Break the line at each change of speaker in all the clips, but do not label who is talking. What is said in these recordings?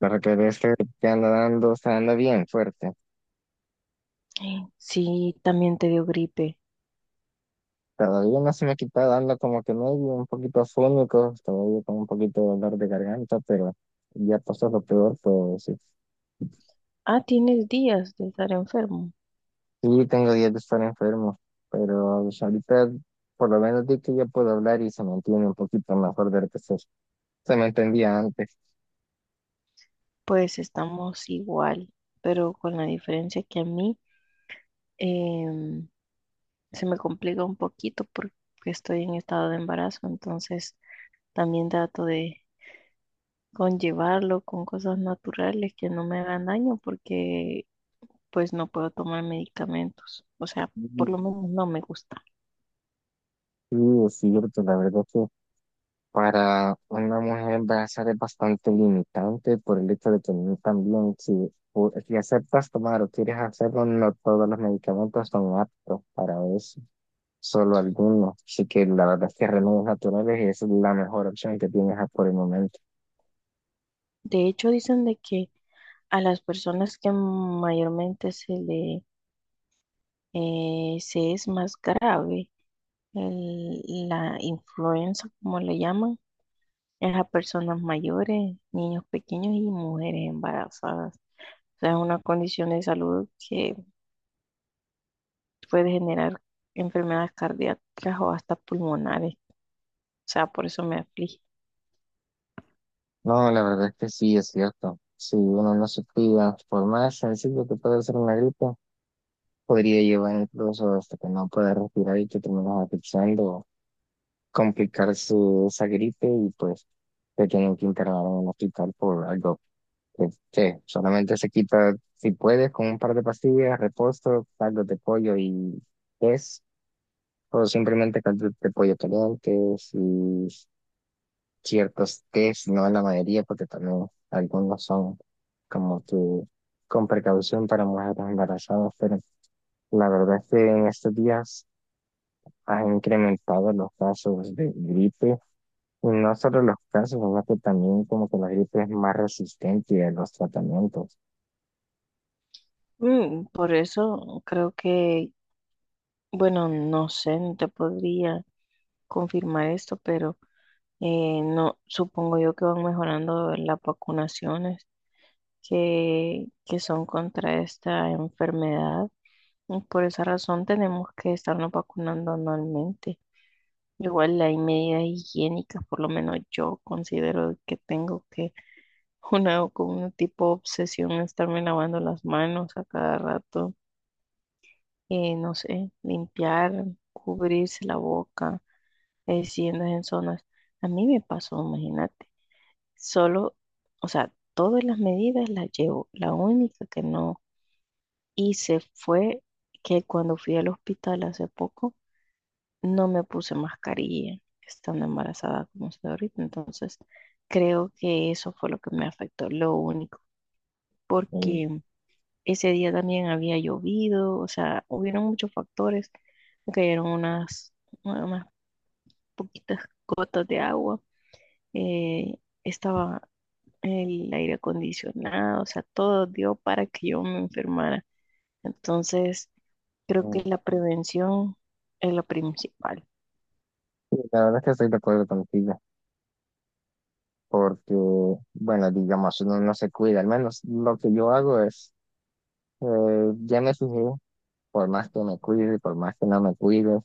Para que veas que te anda dando, o sea, anda bien fuerte.
Sí, también te dio gripe.
Todavía no se me ha quitado dando como que medio un poquito afónico, todavía con un poquito de dolor de garganta, pero ya pasó lo peor, pues sí.
Ah, tienes días de estar enfermo.
Sí, tengo días de estar enfermo, pero pues, ahorita por lo menos di que ya puedo hablar y se me entiende un poquito mejor de lo que se me entendía antes.
Pues estamos igual, pero con la diferencia que a mí em, se me complica un poquito porque estoy en estado de embarazo, entonces también trato de conllevarlo con cosas naturales que no me hagan daño porque pues no puedo tomar medicamentos. O sea, por
Sí,
lo menos no me gusta.
sí, es cierto, la verdad. Para una mujer va a ser bastante limitante por el hecho de que no también si, si aceptas tomar o quieres hacerlo, no todos los medicamentos son aptos para eso, solo algunos. Así que la verdad es que remedios naturales es la mejor opción que tienes por el momento.
De hecho, dicen de que a las personas que mayormente se le sí es más grave. El- la influenza, como le llaman, es a personas mayores, niños pequeños y mujeres embarazadas. O sea, es una condición de salud que puede generar enfermedades cardíacas o hasta pulmonares. O sea, por eso me aflige.
No, la verdad es que sí, es cierto. Si uno no se cuida, por más sencillo que pueda ser una gripe, podría llevar incluso hasta que no pueda respirar y que terminas asfixiando complicar su, esa gripe y pues te tienen que internar en un hospital por algo que solamente se quita si puedes con un par de pastillas, reposo, caldo de pollo y es o simplemente caldo de pollo caliente y ciertos tés, no la mayoría porque también algunos son como que con precaución para mujeres embarazadas, pero la verdad es que en estos días ha incrementado los casos de gripe. Y no solo los casos, ¿verdad? Que también como que la gripe es más resistente a los tratamientos.
Mm, por eso creo que, bueno, no sé, no te podría confirmar esto, pero no, supongo yo que van mejorando las vacunaciones que son contra esta enfermedad. Y por esa razón tenemos que estarnos vacunando anualmente. Igual hay medidas higiénicas, por lo menos yo considero que tengo que una como un tipo de obsesión estarme lavando las manos a cada rato, no sé, limpiar, cubrirse la boca, si andas en zonas. A mí me pasó, imagínate. Solo, o sea, todas las medidas las llevo. La única que no. Y se fue que cuando fui al hospital hace poco, no me puse mascarilla estando embarazada como estoy ahorita. Entonces, creo que eso fue lo que me afectó, lo único,
Y,
porque ese día también había llovido, o sea, hubieron muchos factores. Me cayeron unas poquitas gotas de agua. Eh, estaba el aire acondicionado, o sea, todo dio para que yo me enfermara. Entonces, creo que
mm,
la prevención es lo principal.
sí, la verdad es que estoy de acuerdo contigo, porque, bueno, digamos, uno no se cuida. Al menos lo que yo hago es, eh, ya me fijé, por más que me cuide, por más que no me cuide,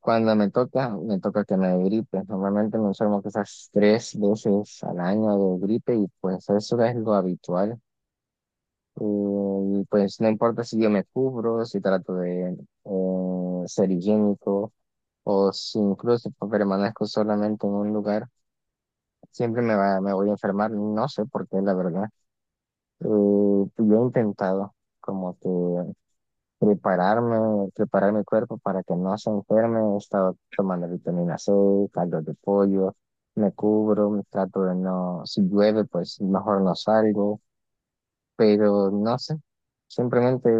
cuando me toca que me dé gripe. Normalmente me enfermo quizás 3 veces al año de gripe y pues eso es lo habitual. Pues no importa si yo me cubro, si trato de ser higiénico o si incluso permanezco solamente en un lugar, siempre me voy a enfermar, no sé por qué, la verdad. Eh, pues, yo he intentado como que prepararme, preparar mi cuerpo para que no se enferme, he estado tomando vitamina C, caldo de pollo, me cubro, me trato de no, si llueve, pues mejor no salgo, pero no sé. Simplemente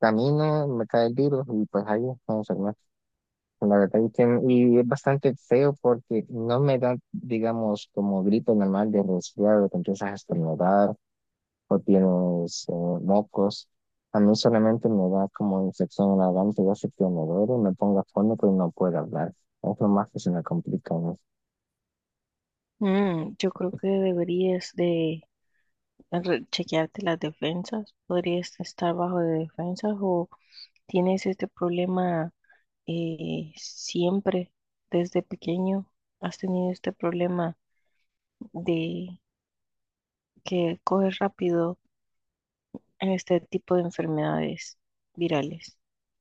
camino, me cae el virus y pues ahí no. La verdad es que y es bastante feo porque no me da, digamos, como grito normal de resfriado, te empiezas a estornudar o tienes mocos. A mí solamente me da como infección en la garganta, yo sé que me duele, me pongo afónico y no puedo hablar. Es lo más que se me complica, ¿no?
Mm, yo creo que deberías de chequearte las defensas. Podrías estar bajo de defensas o tienes este problema siempre desde pequeño. Has tenido este problema de que coges rápido en este tipo de enfermedades virales.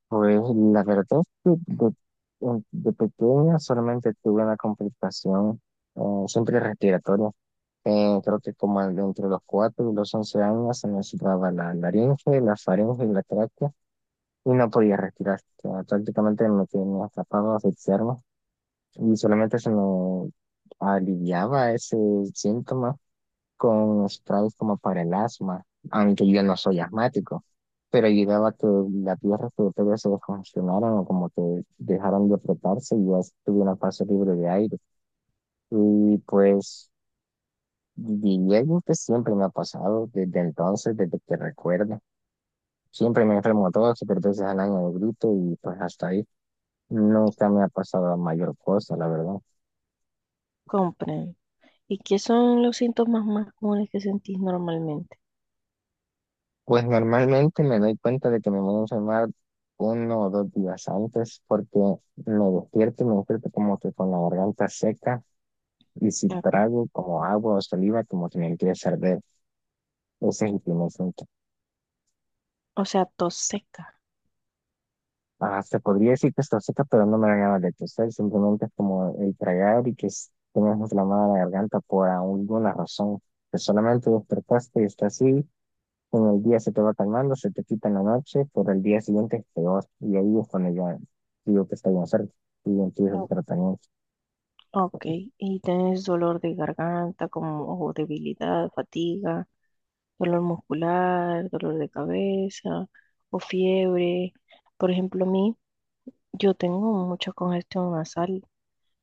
Pues la verdad es que de pequeña solamente tuve una complicación eh, siempre respiratoria. Creo que como entre los 4 y los 11 años se me situaba la laringe, la faringe y la tráquea y no podía respirar. O sea, prácticamente me tenía atrapado, a asfixiarme y solamente se me aliviaba ese síntoma con sprays como para el asma, aunque yo no soy asmático. Pero ayudaba a que las vías respiratorias se descongestionaran o como que dejaran de apretarse y ya tuve una fase libre de aire. Y pues y diría que siempre me ha pasado desde entonces, desde que recuerdo. Siempre me enfermo 2 o 3 veces al año de grito y pues hasta ahí nunca me ha pasado mayor cosa, la verdad.
Compren. ¿Y qué son los síntomas más comunes que sentís normalmente?
Pues normalmente me doy cuenta de que me voy a enfermar 1 o 2 días antes porque me despierto y me despierto como que con la garganta seca y si
Ok.
trago como agua o saliva como que me empieza a arder. Ese es el primer síntoma.
O sea, tos seca.
Ah, se podría decir que está seca, pero no me la llama de toser, simplemente es como el tragar y que tengas inflamada la garganta por alguna razón, que solamente despertaste y está así, en el día se te va calmando, se te quita en la noche, pero el día siguiente es peor, y ahí es cuando ya digo que está bien cerca, y empieza el tratamiento.
Ok, ¿y tenés dolor de garganta como o debilidad, fatiga, dolor muscular, dolor de cabeza o fiebre? Por ejemplo, a mí, yo tengo mucha congestión nasal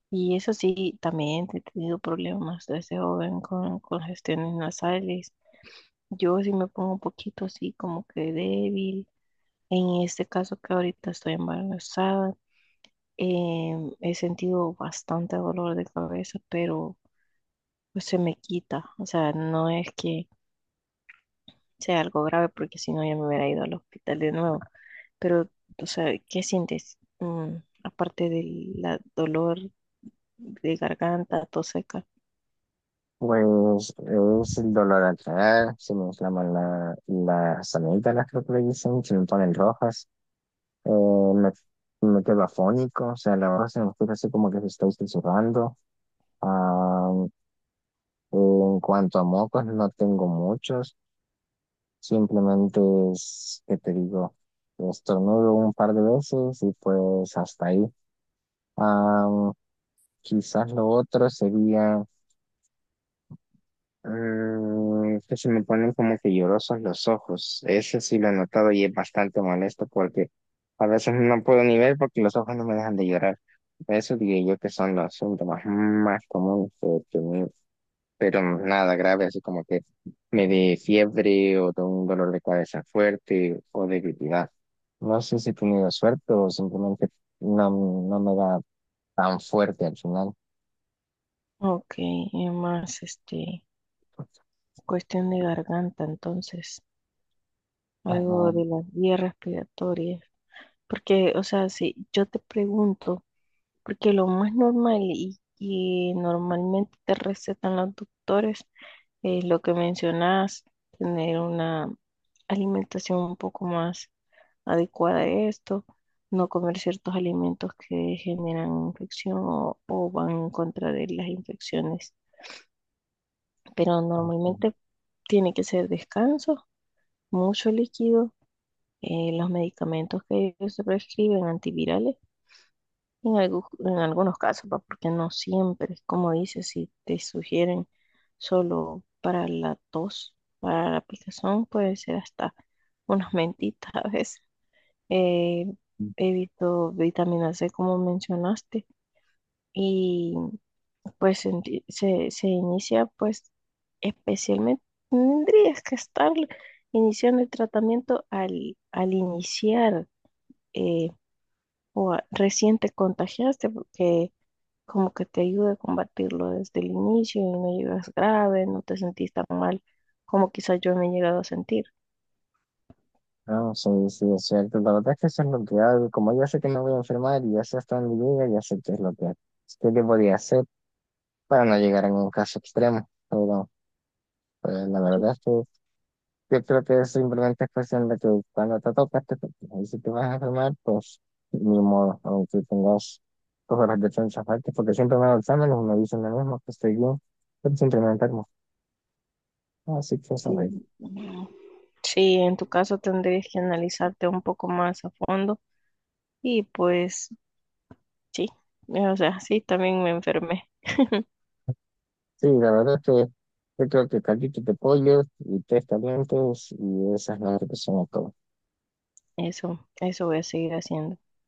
y eso sí, también he tenido problemas desde joven con congestiones nasales. Yo sí me pongo un poquito así como que débil. En este caso que ahorita estoy embarazada, he sentido bastante dolor de cabeza, pero pues se me quita. O sea, no es que sea algo grave porque si no ya me hubiera ido al hospital de nuevo. Pero, o sea, ¿qué sientes? Mm, aparte del dolor de garganta, tos seca.
Pues es el dolor al tragar, se me inflaman las amígdalas, creo que le dicen, se me ponen rojas, eh, me, me quedo afónico, o sea, la verdad se me escucha así como que se está susurrando. Ah, en cuanto a mocos, no tengo muchos, simplemente es que te digo, estornudo un par de veces y pues hasta ahí. Ah, quizás lo otro sería que se me ponen como que llorosos los ojos. Ese sí lo he notado y es bastante molesto porque a veces no puedo ni ver porque los ojos no me dejan de llorar. Eso diría yo que son los síntomas más comunes que he tenido, pero nada grave, así como que me dé fiebre o de un dolor de cabeza fuerte o debilidad. No sé si he tenido suerte o simplemente no, no me da tan fuerte al final.
Ok, y más, este, cuestión de garganta, entonces,
Ah,
algo
no.
de las vías respiratorias. Porque, o sea, si yo te pregunto, porque lo más normal y que normalmente te recetan los doctores es lo que mencionas, tener una alimentación un poco más adecuada a esto, no comer ciertos alimentos que generan infección o van en contra de las infecciones, pero normalmente tiene que ser descanso, mucho líquido, los medicamentos que ellos te prescriben, antivirales. En algunos casos, va, porque no siempre, como dices, si te sugieren solo para la tos, para la picazón, puede ser hasta unas mentitas a veces. Eh, evito vitamina C, como mencionaste, y pues se inicia, pues especialmente, tendrías que estar iniciando el tratamiento al iniciar eh, o recién te contagiaste, porque como que te ayude a combatirlo desde el inicio y no llegas grave, no te sentís tan mal como quizás yo me he llegado a sentir.
No, sí, sí, es cierto. La verdad es que eso es lo que hago. Como yo sé que me voy a enfermar y ya sé hasta dónde llega, ya sé qué es lo que, qué que podía hacer para no llegar a un caso extremo. Pero pues, la
Sí,
verdad es que yo creo que es simplemente cuestión de que cuando te tocas, te tocas. Y si te vas a enfermar, pues ni modo, aunque tengas tus horas de chance aparte, porque siempre me hago exámenes y me dicen lo mismo, que estoy bien, pero siempre me enfermo. Así que
sí,
eso.
mm, sí, en tu caso tendrías que analizarte un poco más a fondo y pues sí, o sea, sí, también me enfermé.
Sí, la verdad es que yo creo que caldito de pollo y tres calientes y esas son las que son
Eso voy a seguir haciendo.